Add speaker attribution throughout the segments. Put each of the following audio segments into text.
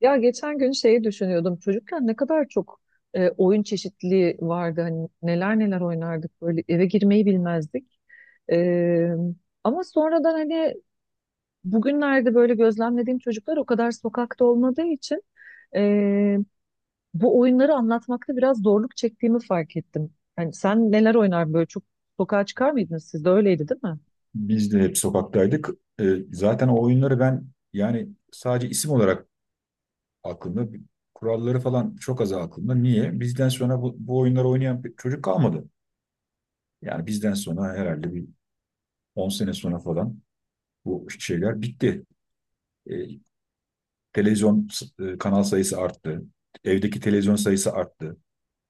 Speaker 1: Ya geçen gün şeyi düşünüyordum. Çocukken ne kadar çok oyun çeşitliliği vardı. Hani neler neler oynardık böyle eve girmeyi bilmezdik. E, ama sonradan hani bugünlerde böyle gözlemlediğim çocuklar o kadar sokakta olmadığı için e, bu oyunları anlatmakta biraz zorluk çektiğimi fark ettim. Yani sen neler oynar böyle çok sokağa çıkar mıydınız? Siz de öyleydi değil mi?
Speaker 2: Biz de hep sokaktaydık. Zaten o oyunları ben yani sadece isim olarak aklımda, kuralları falan çok az aklımda. Niye? Bizden sonra bu oyunları oynayan bir çocuk kalmadı. Yani bizden sonra herhalde bir 10 sene sonra falan bu şeyler bitti. Ee, Televizyon kanal sayısı arttı. Evdeki televizyon sayısı arttı.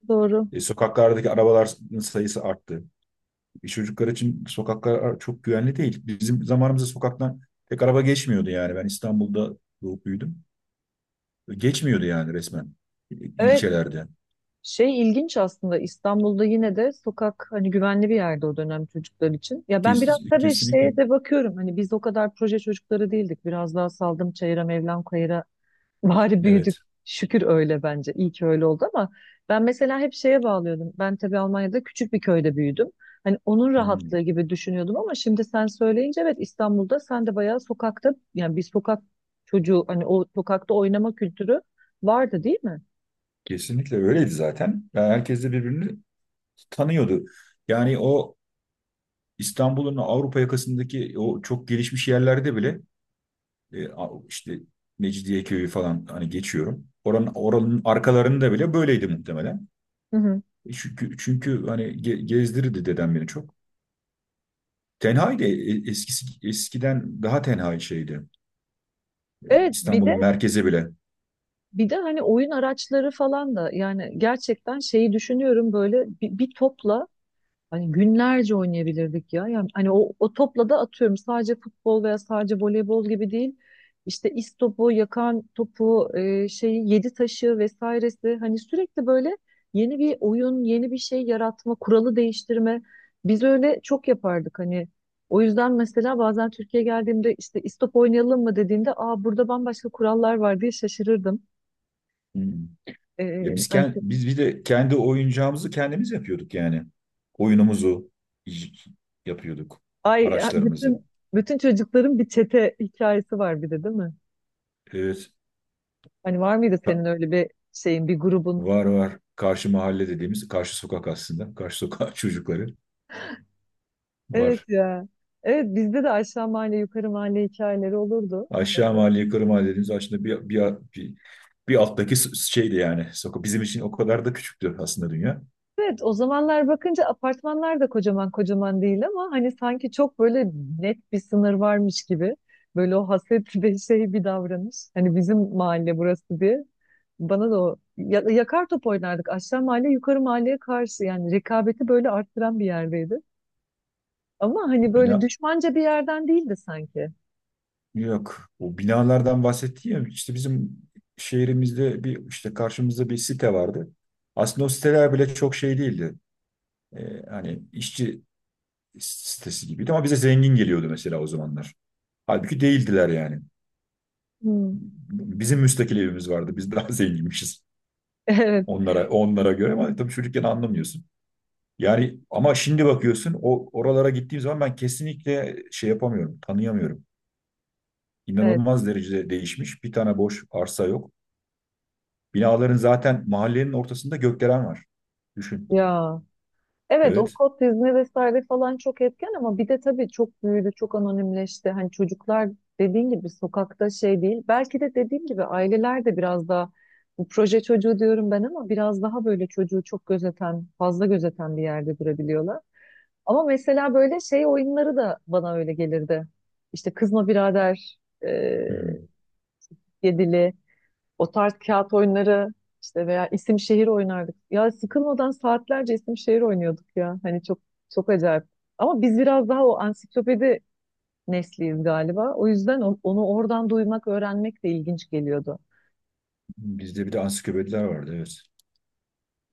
Speaker 1: Doğru.
Speaker 2: Sokaklardaki arabalar sayısı arttı. Çocuklar için sokaklar çok güvenli değil. Bizim zamanımızda sokaktan pek araba geçmiyordu yani. Ben İstanbul'da doğup büyüdüm. Geçmiyordu yani resmen
Speaker 1: Evet,
Speaker 2: ilçelerde.
Speaker 1: şey ilginç aslında. İstanbul'da yine de sokak hani güvenli bir yerde o dönem çocuklar için. Ya ben biraz tabii
Speaker 2: Kesinlikle.
Speaker 1: şeye de bakıyorum hani biz o kadar proje çocukları değildik. Biraz daha saldım çayıra Mevlam kayıra bari büyüdük.
Speaker 2: Evet.
Speaker 1: Şükür öyle bence. İyi ki öyle oldu ama ben mesela hep şeye bağlıyordum. Ben tabii Almanya'da küçük bir köyde büyüdüm. Hani onun rahatlığı
Speaker 2: Hmm.
Speaker 1: gibi düşünüyordum ama şimdi sen söyleyince evet, İstanbul'da sen de bayağı sokakta yani bir sokak çocuğu, hani o sokakta oynama kültürü vardı değil mi?
Speaker 2: Kesinlikle öyleydi zaten. Yani herkes de birbirini tanıyordu. Yani o İstanbul'un Avrupa yakasındaki o çok gelişmiş yerlerde bile işte Mecidiyeköy'ü falan hani geçiyorum. Oranın arkalarında bile böyleydi muhtemelen.
Speaker 1: Hı hı.
Speaker 2: E Çünkü hani gezdirirdi dedem beni çok. Tenhaydı eskiden daha tenha şeydi.
Speaker 1: Evet, bir de
Speaker 2: İstanbul'un merkezi bile.
Speaker 1: Bir de hani oyun araçları falan da yani gerçekten şeyi düşünüyorum böyle bir topla hani günlerce oynayabilirdik ya. Yani hani o topla da atıyorum sadece futbol veya sadece voleybol gibi değil. İşte istopu, yakan topu, şeyi, yedi taşı vesairesi, hani sürekli böyle yeni bir oyun, yeni bir şey yaratma, kuralı değiştirme. Biz öyle çok yapardık hani. O yüzden mesela bazen Türkiye'ye geldiğimde işte istop oynayalım mı dediğinde, aa burada bambaşka kurallar var diye şaşırırdım.
Speaker 2: Hmm. Ya
Speaker 1: Ee,
Speaker 2: biz bir de kendi oyuncağımızı kendimiz yapıyorduk yani. Oyunumuzu y- yapıyorduk.
Speaker 1: ay, ay,
Speaker 2: Araçlarımızı.
Speaker 1: bütün bütün çocukların bir çete hikayesi var bir de değil mi?
Speaker 2: Evet.
Speaker 1: Hani var mıydı
Speaker 2: Ka-
Speaker 1: senin öyle bir şeyin, bir grubun?
Speaker 2: Var var. Karşı mahalle dediğimiz karşı sokak aslında. Karşı sokak çocukları
Speaker 1: Evet
Speaker 2: var.
Speaker 1: ya. Evet, bizde de aşağı mahalle, yukarı mahalle hikayeleri olurdu.
Speaker 2: Aşağı mahalle, yukarı mahalle dediğimiz aslında bir, bir alttaki şeydi yani. Sokak bizim için o kadar da küçüktü aslında dünya.
Speaker 1: Evet, o zamanlar bakınca apartmanlar da kocaman kocaman değil ama hani sanki çok böyle net bir sınır varmış gibi. Böyle o hasretli bir şey, bir davranış. Hani bizim mahalle burası diye. Bana da o yakar top oynardık. Aşağı mahalle yukarı mahalleye karşı yani, rekabeti böyle arttıran bir yerdeydi. Ama hani
Speaker 2: Bina
Speaker 1: böyle düşmanca bir yerden değildi sanki.
Speaker 2: Yok. O binalardan bahsetti ya işte bizim şehrimizde bir işte karşımızda bir site vardı. Aslında o siteler bile çok şey değildi. Hani işçi sitesi gibiydi ama bize zengin geliyordu mesela o zamanlar. Halbuki değildiler yani.
Speaker 1: Hmm.
Speaker 2: Bizim müstakil evimiz vardı. Biz daha zenginmişiz
Speaker 1: Evet,
Speaker 2: onlara göre ama tabii çocukken anlamıyorsun. Yani ama şimdi bakıyorsun o oralara gittiğim zaman ben kesinlikle şey yapamıyorum, tanıyamıyorum.
Speaker 1: evet.
Speaker 2: İnanılmaz derecede değişmiş. Bir tane boş arsa yok. Binaların zaten mahallenin ortasında gökdelen var. Düşün.
Speaker 1: Ya. Evet, o
Speaker 2: Evet.
Speaker 1: kod dizme vesaire falan çok etken ama bir de tabii çok büyüdü, çok anonimleşti. Hani çocuklar dediğin gibi sokakta şey değil. Belki de dediğim gibi aileler de biraz daha, bu proje çocuğu diyorum ben, ama biraz daha böyle çocuğu çok gözeten, fazla gözeten bir yerde durabiliyorlar. Ama mesela böyle şey oyunları da bana öyle gelirdi. İşte Kızma Birader, e,
Speaker 2: Hmm.
Speaker 1: Yedili. O tarz kağıt oyunları işte, veya isim şehir oynardık. Ya sıkılmadan saatlerce isim şehir oynuyorduk ya. Hani çok çok acayip. Ama biz biraz daha o ansiklopedi nesliyiz galiba. O yüzden onu oradan duymak, öğrenmek de ilginç geliyordu.
Speaker 2: Bizde bir de ansiklopediler vardı. Evet.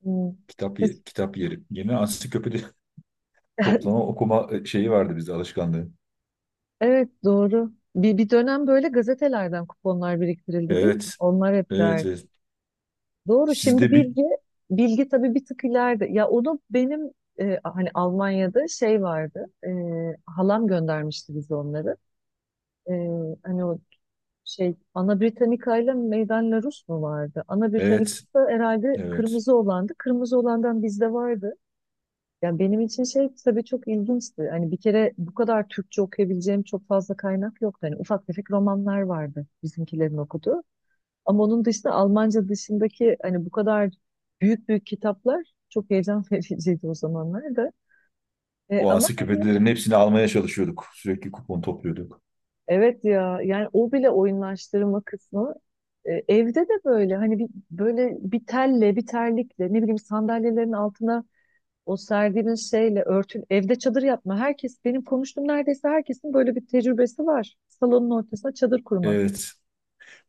Speaker 1: Hmm. Siz-
Speaker 2: Kitap yeri. Yeni ansiklopedi toplama okuma şeyi vardı bizde alışkanlığı.
Speaker 1: evet, doğru. Bir dönem böyle gazetelerden kuponlar biriktirildi değil mi?
Speaker 2: Evet.
Speaker 1: Onlar hep.
Speaker 2: Evet.
Speaker 1: Doğru, şimdi
Speaker 2: Sizde bir
Speaker 1: bilgi tabii bir tık ileride. Ya onu benim hani Almanya'da şey vardı. Halam göndermişti bize onları. E, hani o şey, Ana Britannica ile Meydan La Rus mu vardı? Ana Britannica
Speaker 2: evet.
Speaker 1: herhalde
Speaker 2: Evet.
Speaker 1: kırmızı olandı. Kırmızı olandan bizde vardı. Yani benim için şey tabii çok ilginçti. Hani bir kere bu kadar Türkçe okuyabileceğim çok fazla kaynak yoktu. Hani ufak tefek romanlar vardı bizimkilerin okuduğu. Ama onun dışında Almanca dışındaki hani bu kadar büyük büyük kitaplar çok heyecan vericiydi o zamanlar da.
Speaker 2: O
Speaker 1: Ama hani
Speaker 2: ansiklopedilerin hepsini almaya çalışıyorduk. Sürekli kupon topluyorduk.
Speaker 1: evet ya yani o bile oyunlaştırma kısmı, evde de böyle hani bir, böyle bir telle, bir terlikle, ne bileyim sandalyelerin altına o serdiğimiz şeyle örtün evde çadır yapma. Herkes benim konuştuğum, neredeyse herkesin böyle bir tecrübesi var. Salonun ortasına çadır kurma.
Speaker 2: Evet.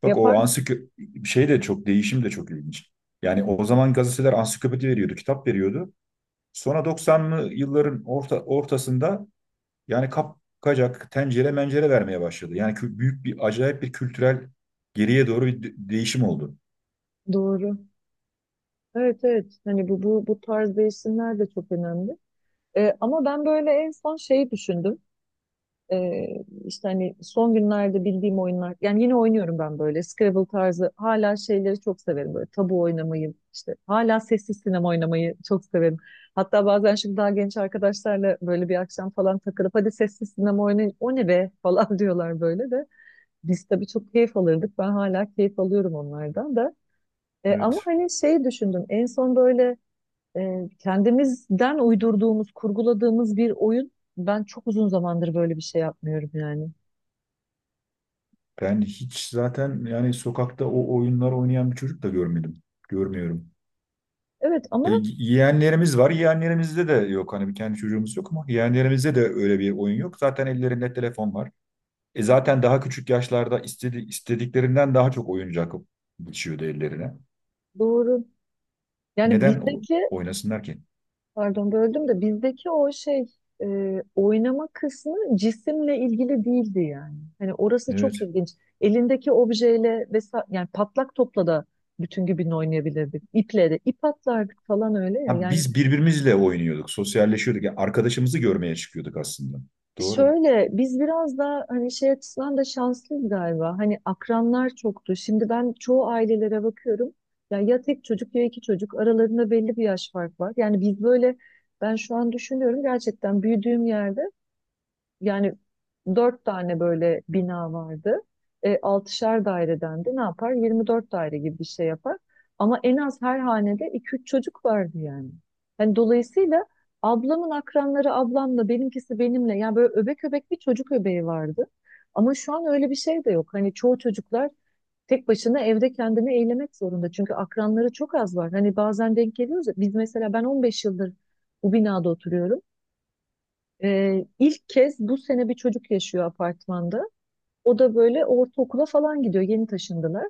Speaker 2: Bak
Speaker 1: Yapar
Speaker 2: o
Speaker 1: mı?
Speaker 2: ansiklopedi şey de çok değişim de çok ilginç. Yani o zaman gazeteler ansiklopedi veriyordu, kitap veriyordu. Sonra 90'lı yılların ortasında yani kapkacak, tencere mencere vermeye başladı. Yani büyük bir, acayip bir kültürel geriye doğru bir değişim oldu.
Speaker 1: Doğru. Evet, evet, hani bu tarz değişimler de çok önemli. Ama ben böyle en son şeyi düşündüm. Ee, işte hani son günlerde bildiğim oyunlar. Yani yine oynuyorum ben böyle. Scrabble tarzı. Hala şeyleri çok severim. Böyle tabu oynamayı. İşte hala sessiz sinema oynamayı çok severim. Hatta bazen şimdi daha genç arkadaşlarla böyle bir akşam falan takılıp hadi sessiz sinema oynayın, o ne be falan diyorlar böyle de. Biz tabii çok keyif alırdık. Ben hala keyif alıyorum onlardan da. Ama
Speaker 2: Evet.
Speaker 1: hani şey düşündüm. En son böyle kendimizden uydurduğumuz, kurguladığımız bir oyun. Ben çok uzun zamandır böyle bir şey yapmıyorum yani.
Speaker 2: Ben hiç zaten yani sokakta o oyunlar oynayan bir çocuk da görmedim. Görmüyorum.
Speaker 1: Evet, ama
Speaker 2: E, yeğenlerimiz var. Yeğenlerimizde de yok. Hani bir kendi çocuğumuz yok ama yeğenlerimizde de öyle bir oyun yok. Zaten ellerinde telefon var. E zaten daha küçük yaşlarda istediklerinden daha çok oyuncak geçiyordu ellerine.
Speaker 1: doğru. Yani
Speaker 2: Neden
Speaker 1: bizdeki,
Speaker 2: oynasınlar ki?
Speaker 1: pardon böldüm de, bizdeki o şey, oynama kısmı cisimle ilgili değildi yani. Hani orası
Speaker 2: Evet.
Speaker 1: çok ilginç. Elindeki objeyle vesaire, yani patlak topla da bütün gün oynayabilirdik. İple de ip atlardık falan, öyle ya.
Speaker 2: Ha,
Speaker 1: Yani
Speaker 2: biz birbirimizle oynuyorduk, sosyalleşiyorduk. Yani arkadaşımızı görmeye çıkıyorduk aslında. Doğru.
Speaker 1: şöyle, biz biraz daha hani şey açısından da şanslıyız galiba. Hani akranlar çoktu. Şimdi ben çoğu ailelere bakıyorum. Ya, ya tek çocuk, ya iki çocuk. Aralarında belli bir yaş fark var. Yani biz böyle, ben şu an düşünüyorum, gerçekten büyüdüğüm yerde yani dört tane böyle bina vardı. Altışar daireden de ne yapar? 24 daire gibi bir şey yapar. Ama en az her hanede iki üç çocuk vardı yani. Hani dolayısıyla ablamın akranları ablamla, benimkisi benimle. Yani böyle öbek öbek bir çocuk öbeği vardı. Ama şu an öyle bir şey de yok. Hani çoğu çocuklar tek başına evde kendini eğlemek zorunda. Çünkü akranları çok az var. Hani bazen denk geliyoruz ya. Biz mesela ben 15 yıldır bu binada oturuyorum. İlk kez bu sene bir çocuk yaşıyor apartmanda. O da böyle ortaokula falan gidiyor. Yeni taşındılar.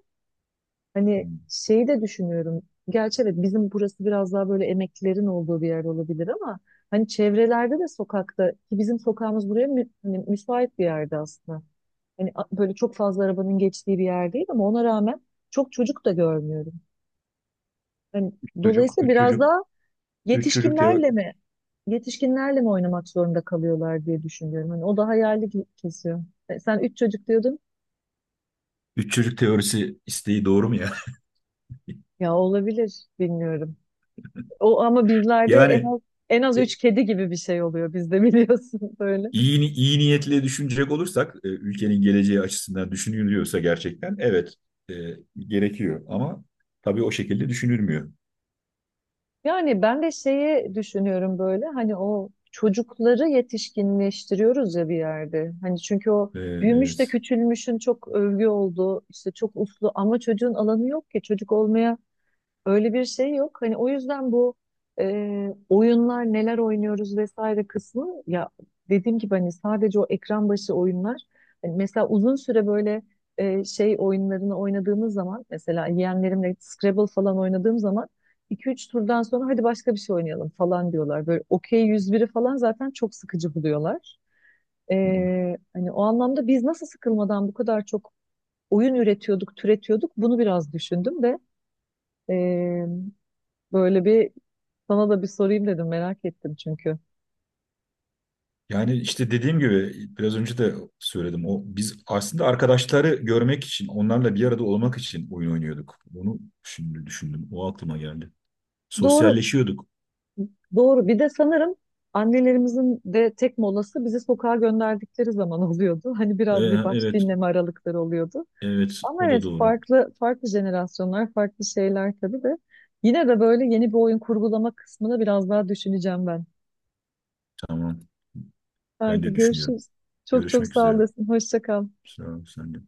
Speaker 1: Hani
Speaker 2: Hmm.
Speaker 1: şeyi de düşünüyorum. Gerçi evet, bizim burası biraz daha böyle emeklilerin olduğu bir yer olabilir ama hani çevrelerde de, sokakta ki bizim sokağımız buraya hani müsait bir yerde aslında. Hani böyle çok fazla arabanın geçtiği bir yer değil ama ona rağmen çok çocuk da görmüyorum. Hani
Speaker 2: Çocuk,
Speaker 1: dolayısıyla
Speaker 2: üç
Speaker 1: biraz daha.
Speaker 2: çocuk, üç çocuk
Speaker 1: Yetişkinlerle mi? Yetişkinlerle mi oynamak zorunda kalıyorlar diye düşünüyorum. Hani o da hayali kesiyor. Sen üç çocuk diyordun.
Speaker 2: üç çocuk teorisi isteği doğru mu ya?
Speaker 1: Ya olabilir, bilmiyorum. O ama bizlerde en
Speaker 2: Yani
Speaker 1: az en az
Speaker 2: e,
Speaker 1: üç kedi gibi bir şey oluyor bizde biliyorsun böyle.
Speaker 2: iyi, iyi niyetle düşünecek olursak, ülkenin geleceği açısından düşünülüyorsa gerçekten evet, e, gerekiyor. Ama tabii o şekilde düşünülmüyor.
Speaker 1: Yani ben de şeyi düşünüyorum böyle, hani o çocukları yetişkinleştiriyoruz ya bir yerde. Hani çünkü o
Speaker 2: E,
Speaker 1: büyümüş de
Speaker 2: evet.
Speaker 1: küçülmüşün çok övgü olduğu, işte çok uslu ama çocuğun alanı yok ki çocuk olmaya. Öyle bir şey yok. Hani o yüzden bu oyunlar neler oynuyoruz vesaire kısmı, ya dediğim gibi hani sadece o ekran başı oyunlar. Hani mesela uzun süre böyle şey oyunlarını oynadığımız zaman, mesela yeğenlerimle Scrabble falan oynadığım zaman iki üç turdan sonra hadi başka bir şey oynayalım falan diyorlar. Böyle Okey 101'i falan zaten çok sıkıcı buluyorlar. E,
Speaker 2: Hı hı.
Speaker 1: hani o anlamda biz nasıl sıkılmadan bu kadar çok oyun üretiyorduk, türetiyorduk, bunu biraz düşündüm de e, böyle bir, sana da bir sorayım dedim, merak ettim çünkü.
Speaker 2: Yani işte dediğim gibi biraz önce de söyledim. O biz aslında arkadaşları görmek için, onlarla bir arada olmak için oyun oynuyorduk. Bunu şimdi düşündüm. O aklıma geldi.
Speaker 1: Doğru,
Speaker 2: Sosyalleşiyorduk.
Speaker 1: doğru. Bir de sanırım annelerimizin de tek molası bizi sokağa gönderdikleri zaman oluyordu. Hani
Speaker 2: Ee,
Speaker 1: biraz bir baş
Speaker 2: evet,
Speaker 1: dinleme aralıkları oluyordu.
Speaker 2: evet
Speaker 1: Ama
Speaker 2: o da
Speaker 1: evet,
Speaker 2: doğru.
Speaker 1: farklı farklı jenerasyonlar, farklı şeyler tabii de. Yine de böyle yeni bir oyun kurgulama kısmını biraz daha düşüneceğim ben.
Speaker 2: Tamam. Ben
Speaker 1: Haydi
Speaker 2: de düşünüyorum.
Speaker 1: görüşürüz. Çok çok
Speaker 2: Görüşmek
Speaker 1: sağ
Speaker 2: üzere.
Speaker 1: olasın. Hoşça kal.
Speaker 2: Sağ ol, sen de.